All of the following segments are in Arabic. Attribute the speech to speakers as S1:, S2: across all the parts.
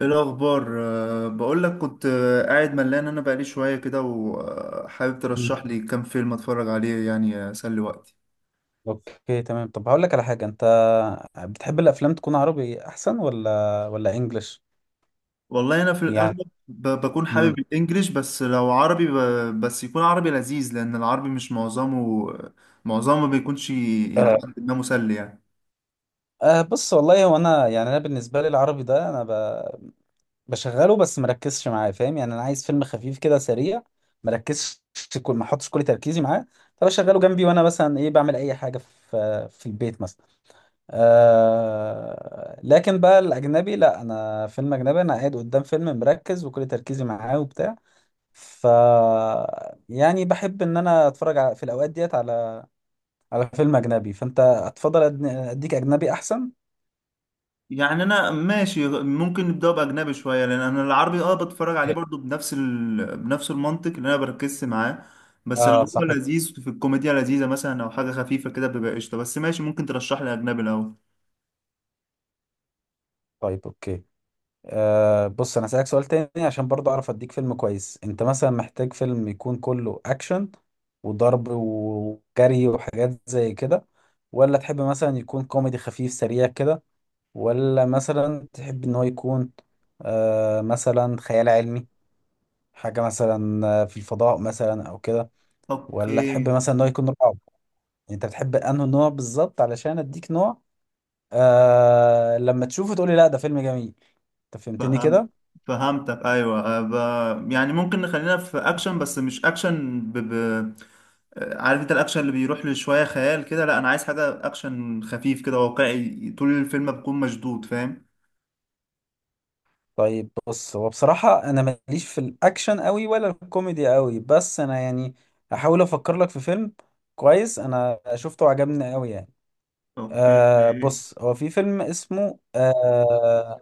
S1: ايه الاخبار بقول لك كنت قاعد ملان، انا بقالي شويه كده وحابب
S2: مم.
S1: ترشح لي كام فيلم اتفرج عليه، يعني اسلي وقتي.
S2: اوكي تمام، طب هقول لك على حاجه. انت بتحب الافلام تكون عربي احسن ولا انجلش؟
S1: والله انا في
S2: يعني
S1: الاغلب بكون
S2: مم.
S1: حابب الانجليش، بس لو عربي بس يكون عربي لذيذ، لان العربي مش معظمه ما بيكونش الى
S2: آه
S1: حد ما مسلي. يعني
S2: بص، والله هو انا يعني انا بالنسبه لي العربي ده انا بشغله بس مركزش معاه، فاهم؟ يعني انا عايز فيلم خفيف كده سريع مركزش، كل ما احطش كل تركيزي معاه. فبشغله جنبي وانا مثلا ايه بعمل اي حاجه في البيت مثلا. آه لكن بقى الاجنبي لا، انا فيلم اجنبي انا قاعد قدام فيلم مركز وكل تركيزي معاه وبتاع. ف يعني بحب ان انا في الاوقات ديت على على فيلم اجنبي. فانت هتفضل اديك اجنبي احسن.
S1: يعني انا ماشي، ممكن نبدأ باجنبي شويه، لان انا العربي اه بتفرج عليه
S2: إيه.
S1: برضو بنفس المنطق اللي انا بركز معاه. بس لو
S2: اه
S1: هو
S2: صح،
S1: لذيذ في الكوميديا لذيذه مثلا، او حاجه خفيفه كده بيبقى قشطه، بس ماشي ممكن ترشح لي اجنبي الاول.
S2: طيب اوكي. بص انا هسألك سؤال تاني عشان برضه اعرف اديك فيلم كويس. انت مثلا محتاج فيلم يكون كله اكشن وضرب وجري وحاجات زي كده؟ ولا تحب مثلا يكون كوميدي خفيف سريع كده؟ ولا مثلا تحب ان هو يكون مثلا خيال علمي، حاجة مثلا في الفضاء مثلا او كده؟ ولا تحب
S1: اوكي.
S2: مثلا ان هو يكون رعب؟ يعني انت بتحب انه نوع بالظبط علشان اديك نوع لما تشوفه تقولي لا ده فيلم جميل، انت فهمتني
S1: فهم
S2: كده؟
S1: فهمتك، ايوه، يعني ممكن نخلينا في اكشن، بس مش اكشن ب... ب... آه، عارف انت الاكشن اللي بيروح لشويه خيال كده، لا انا عايز حاجه اكشن خفيف كده واقعي، طول الفيلم بكون مشدود، فاهم.
S2: طيب بص هو بصراحة انا ماليش في الاكشن قوي ولا الكوميدي قوي، بس انا يعني هحاول افكر لك في فيلم كويس انا شفته وعجبني قوي يعني.
S1: اوكي.
S2: بص هو في فيلم اسمه آه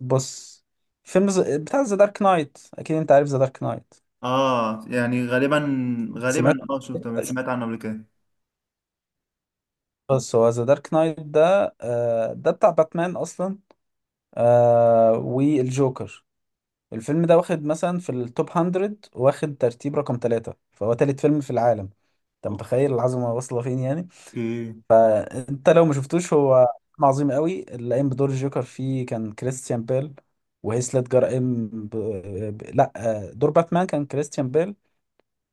S2: بص فيلم بتاع ذا دارك نايت. اكيد انت عارف ذا دارك نايت.
S1: اه، يعني
S2: سمعت.
S1: غالبا اه شفته، أنا سمعت عنه قبل كده.
S2: بس هو ذا دارك نايت ده ده بتاع باتمان اصلا، والجوكر. الفيلم ده واخد مثلا في التوب 100، واخد ترتيب رقم ثلاثة، فهو تالت فيلم في العالم. انت متخيل العظمة واصلة فين يعني؟
S1: اوكي.
S2: انت لو ما شفتوش، هو فيلم عظيم قوي. اللي قايم بدور الجوكر فيه كان كريستيان بيل وهيث ليدجر قايم لا، دور باتمان كان كريستيان بيل،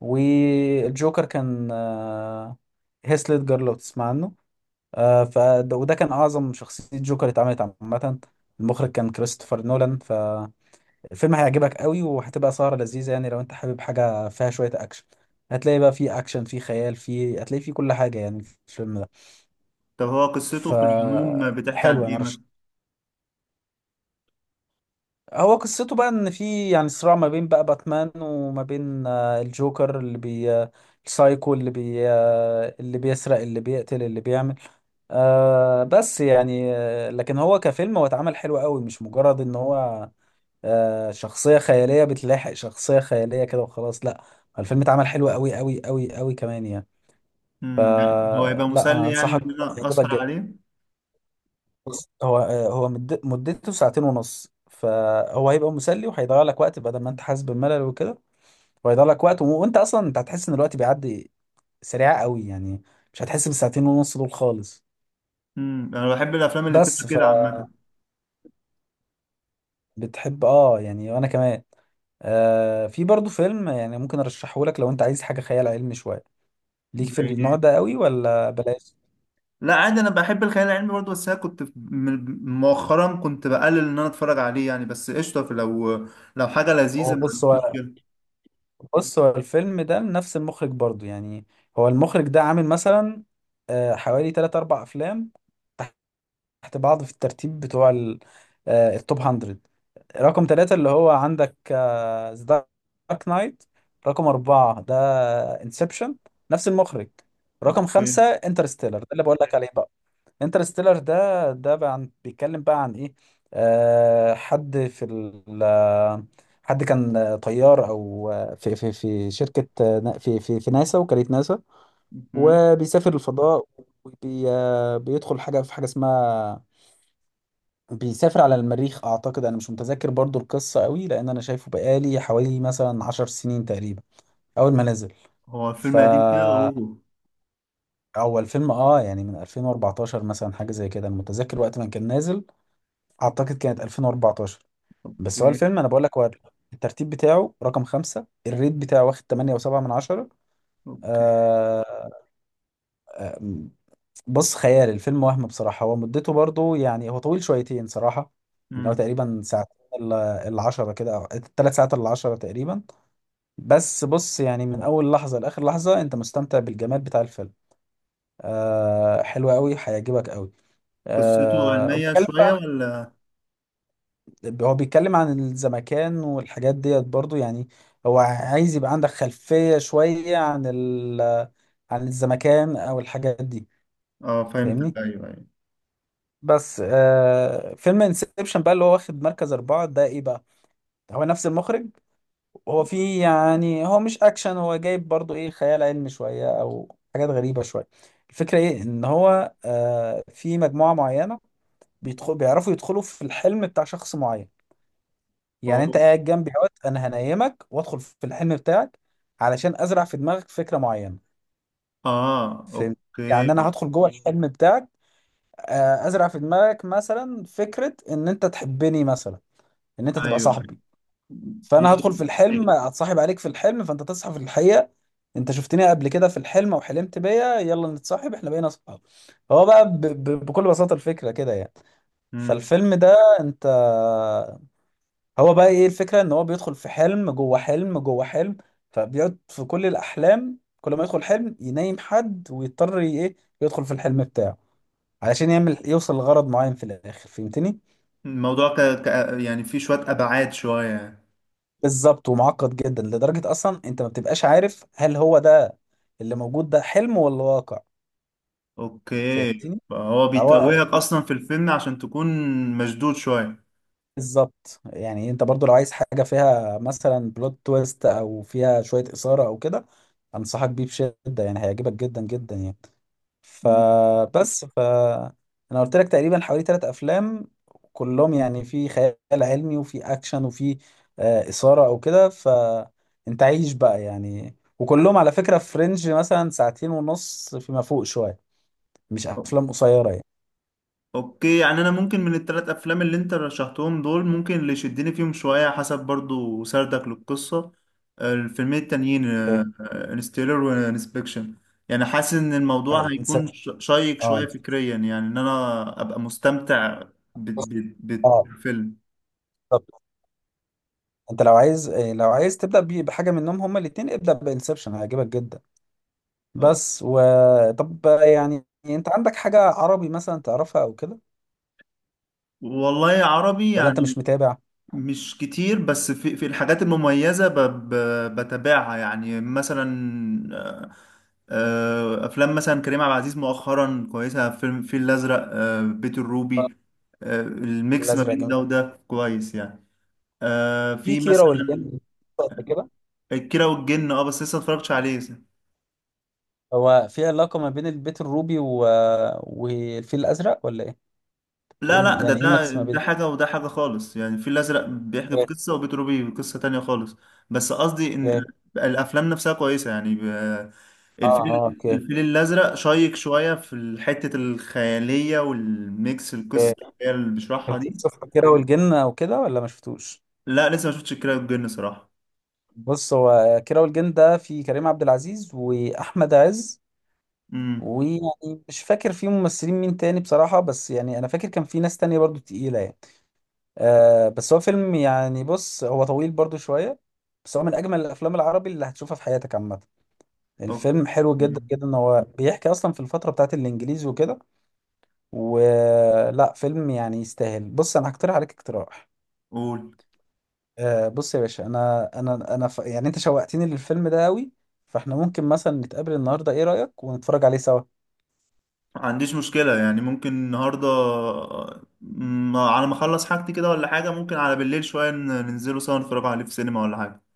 S2: والجوكر كان هيث ليدجر لو تسمع عنه. آه ف وده كان اعظم شخصيه جوكر اتعملت عامه. المخرج كان كريستوفر نولان. فالفيلم هيعجبك قوي وهتبقى سهره لذيذه يعني. لو انت حابب حاجه فيها شويه اكشن، هتلاقي بقى فيه اكشن، فيه خيال، فيه هتلاقي فيه كل حاجه يعني في الفيلم ده.
S1: طب هو قصته
S2: ف
S1: في العموم بتحكي عن
S2: حلو
S1: ايه
S2: انا رش
S1: مثلا؟
S2: هو قصته بقى ان في يعني صراع ما بين بقى باتمان وما بين الجوكر اللي بي آه، السايكو اللي بي آه، اللي بيسرق اللي بيقتل اللي بيعمل، بس يعني لكن هو كفيلم هو اتعمل حلو قوي، مش مجرد ان هو شخصية خيالية بتلاحق شخصية خيالية كده وخلاص، لا. الفيلم اتعمل حلو قوي قوي قوي قوي كمان يعني.
S1: يعني هو هيبقى
S2: فلا انا
S1: مسلي يعني
S2: انصحك
S1: ان
S2: بيه،
S1: انا
S2: هيعجبك
S1: اسهر
S2: جدا.
S1: عليه؟
S2: بص، هو آه هو مد- مدته ساعتين ونص، فهو هيبقى مسلي وهيضيع لك وقت بدل ما انت حاسس بالملل وكده. وهيضيع لك وقت وانت اصلا انت هتحس ان الوقت بيعدي سريع قوي يعني، مش هتحس بالساعتين ونص دول خالص.
S1: انا بحب الافلام اللي بتبقى
S2: بس
S1: كده عامه.
S2: فبتحب اه يعني وانا كمان. في برضو فيلم يعني ممكن ارشحه لك لو انت عايز حاجه خيال علمي شويه. ليك في
S1: زي ايه؟
S2: النوع ده قوي ولا بلاش؟
S1: لا عادي، انا بحب الخيال العلمي برضه، بس انا كنت مؤخرا كنت بقلل ان انا اتفرج عليه يعني، بس قشطه، في لو حاجه لذيذه
S2: هو
S1: ما
S2: بص
S1: عنديش
S2: هو
S1: مشكله.
S2: هو الفيلم ده نفس المخرج برضو يعني. هو المخرج ده عامل مثلا حوالي 3 4 افلام تحت بعض في الترتيب بتوع التوب 100. رقم ثلاثة اللي هو عندك ذا دارك نايت، رقم أربعة ده انسبشن نفس المخرج، رقم
S1: اوكي.
S2: خمسة انترستيلر ده اللي بقول لك عليه بقى. انترستيلر ده بقى عن بيتكلم بقى عن ايه؟ حد في ال آه، حد كان طيار او في شركه في ناسا، وكاله ناسا،
S1: مهم.
S2: وبيسافر الفضاء، وبي آه، بيدخل حاجه في حاجه اسمها بيسافر على المريخ. اعتقد انا مش متذكر برضو القصه قوي لان انا شايفه بقالي حوالي مثلا عشر سنين تقريبا، اول ما نزل.
S1: هو
S2: ف
S1: الفيلم قديم كده؟ اوه
S2: اول فيلم اه يعني من 2014 مثلا حاجه زي كده انا متذكر وقت ما كان نازل، اعتقد كانت 2014. بس هو
S1: اوكي.
S2: الفيلم انا بقول لك هو الترتيب بتاعه رقم خمسة، الريت بتاعه واخد 8.7 من عشرة.
S1: اوكي.
S2: آه بص خيال الفيلم وهم. بصراحة هو مدته برضو يعني هو طويل شويتين صراحة، ان هو
S1: مم.
S2: تقريبا ساعتين الا إلا عشرة كده او ثلاث ساعات الا عشرة تقريبا. بس بص يعني من اول لحظة لاخر لحظة انت مستمتع بالجمال بتاع الفيلم. حلو قوي هيعجبك قوي.
S1: قصته
S2: آه
S1: علمية
S2: وبتكلم
S1: شوية ولا؟
S2: هو بيتكلم عن الزمكان والحاجات ديت برضو يعني. هو عايز يبقى عندك خلفية شوية عن عن الزمكان أو الحاجات دي،
S1: اه فهمتك،
S2: فاهمني.
S1: ايوه ايوه.
S2: بس فيلم انسبشن بقى اللي هو واخد مركز أربعة ده إيه بقى؟ هو نفس المخرج، هو فيه يعني هو مش أكشن، هو جايب برضو إيه خيال علمي شوية أو حاجات غريبة شوية. الفكرة إيه إن هو في مجموعة معينة بيدخل بيعرفوا يدخلوا في الحلم بتاع شخص معين. يعني انت
S1: اوه.
S2: قاعد جنبي اهوت، انا هنيمك وادخل في الحلم بتاعك علشان ازرع في دماغك فكره معينه،
S1: اه
S2: فهمت؟ يعني
S1: اوكي.
S2: انا هدخل جوه الحلم بتاعك، ازرع في دماغك مثلا فكره ان انت تحبني مثلا، ان انت
S1: ايوه
S2: تبقى
S1: ايوه.
S2: صاحبي. فانا هدخل في
S1: بي-
S2: الحلم اتصاحب عليك في الحلم، فانت تصحى في الحقيقه انت شفتني قبل كده في الحلم وحلمت بيا، يلا نتصاحب، احنا بقينا اصحاب. هو بقى بكل بساطه الفكره كده يعني.
S1: مم.
S2: فالفيلم ده انت، هو بقى ايه الفكرة ان هو بيدخل في حلم جوه حلم جوه حلم، فبيقعد في كل الاحلام كل ما يدخل حلم ينام حد ويضطر ايه يدخل في الحلم بتاعه علشان يعمل يوصل لغرض معين في الاخر، فهمتني؟
S1: الموضوع يعني فيه شوية ابعاد شوية.
S2: بالظبط، ومعقد جدا لدرجة اصلا انت ما بتبقاش عارف هل هو ده اللي موجود ده حلم ولا واقع.
S1: اوكي،
S2: فهمتني.
S1: هو
S2: هو هو
S1: بيتوهك اصلا في الفيلم عشان تكون مشدود شوية.
S2: بالظبط. يعني انت برضو لو عايز حاجة فيها مثلا بلوت تويست او فيها شوية اثارة او كده، انصحك بيه بشدة يعني هيعجبك جدا جدا يعني.
S1: مم.
S2: فبس ف انا قلت لك تقريبا حوالي ثلاث افلام كلهم يعني في خيال علمي وفي اكشن وفي اثاره او كده، فانت عايش بقى يعني. وكلهم على فكره في رينج مثلا ساعتين ونص فيما فوق شويه، مش افلام قصيره يعني.
S1: اوكي، يعني انا ممكن من الثلاث افلام اللي انت رشحتهم دول، ممكن اللي يشدني فيهم شويه حسب برضو سردك للقصه الفيلمين التانيين
S2: اوكي.
S1: انستيلر وانسبكشن، يعني حاسس ان الموضوع
S2: انت
S1: هيكون شيق شويه
S2: اه
S1: فكريا يعني ان انا ابقى مستمتع ب-
S2: اه
S1: بالفيلم.
S2: بالظبط. انت لو عايز لو عايز تبدا بحاجه منهم، هما الاثنين ابدا بانسبشن هيعجبك جدا. بس و طب يعني انت عندك حاجه عربي مثلا تعرفها او كده؟
S1: والله عربي
S2: ولا انت
S1: يعني
S2: مش متابع؟
S1: مش كتير، بس في الحاجات المميزة ب ب بتابعها يعني، مثلا، آه، أفلام مثلا كريم عبد العزيز مؤخرا كويسة، فيلم الفيل الأزرق، بيت الروبي، الميكس ما
S2: الازرق
S1: بين
S2: جامد.
S1: ده وده كويس يعني.
S2: في
S1: في
S2: كيرة
S1: مثلا
S2: والجن؟ قد كده.
S1: الكيرة والجن، اه بس لسه متفرجتش عليه.
S2: هو في علاقة ما بين البيت الروبي و... والفيل الازرق ولا ايه؟
S1: لا لا،
S2: بتقول يعني ايه ميكس ما بين؟
S1: ده حاجة وده حاجة خالص يعني، الفيل الأزرق بيحكي في
S2: اوكي.
S1: قصة وبيتروبي في قصة تانية خالص. بس قصدي إن
S2: اوكي.
S1: الأفلام نفسها كويسة يعني،
S2: اه اه
S1: الفيل
S2: اوكي.
S1: الأزرق شيق شوية في حتة الخيالية والميكس
S2: اوكي.
S1: القصة اللي بيشرحها
S2: انت
S1: دي.
S2: بتشوف كيرة والجن او كده ولا ما شفتوش؟
S1: لا لسه ما شفتش الكيرة والجن صراحة.
S2: بص هو كيرة والجن ده في كريم عبد العزيز واحمد عز،
S1: امم.
S2: ويعني مش فاكر فيه ممثلين مين تاني بصراحة، بس يعني انا فاكر كان في ناس تانية برضو تقيلة يعني. بس هو فيلم يعني بص هو طويل برضو شوية، بس هو من أجمل الأفلام العربي اللي هتشوفها في حياتك عامة.
S1: أوكي.
S2: الفيلم حلو جدا جدا إن هو بيحكي أصلا في الفترة بتاعت الإنجليز وكده. ولا فيلم يعني يستاهل، بص أنا هقترح عليك اقتراح.
S1: قول.
S2: بص يا باشا، أنا أنا يعني أنت شوقتني للفيلم ده أوي، فإحنا ممكن مثلا نتقابل النهاردة، إيه رأيك؟ ونتفرج عليه سوا.
S1: ما عنديش مشكلة، يعني ممكن النهاردة على ما أخلص حاجتي كده، ولا حاجة ممكن على بالليل شوية، ننزلوا سوا نتفرجوا عليه في سينما ولا حاجة.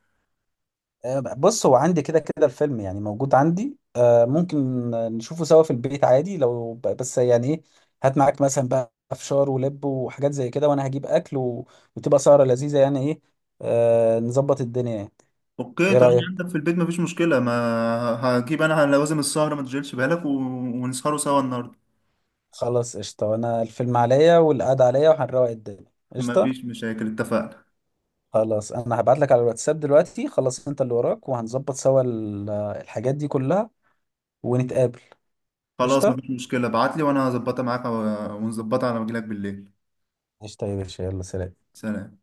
S2: بص هو عندي كده كده الفيلم يعني موجود عندي، ممكن نشوفه سوا في البيت عادي. لو بس يعني ايه، هات معاك مثلا بقى فشار ولب وحاجات زي كده، وانا هجيب اكل و... وتبقى سهرة لذيذة يعني ايه، نظبط الدنيا يعني.
S1: اوكي
S2: ايه
S1: طالما
S2: رأيك؟
S1: عندك في البيت مفيش مشكلة، ما هجيب انا لوازم السهرة، ما تشغلش بالك و... ونسهروا سوا النهاردة.
S2: خلاص قشطة، وانا الفيلم عليا والقعدة عليا وهنروق الدنيا.
S1: مفيش
S2: قشطة.
S1: مشاكل اتفقنا.
S2: خلاص انا هبعت لك على الواتساب دلوقتي خلاص، انت اللي وراك وهنظبط سوا الحاجات دي كلها ونتقابل.
S1: خلاص
S2: قشطة.
S1: مفيش مشكلة، ابعتلي وانا هظبطها معاك ونظبطها على ما اجيلك بالليل.
S2: قشطة يا باشا، يلا سلام.
S1: سلام.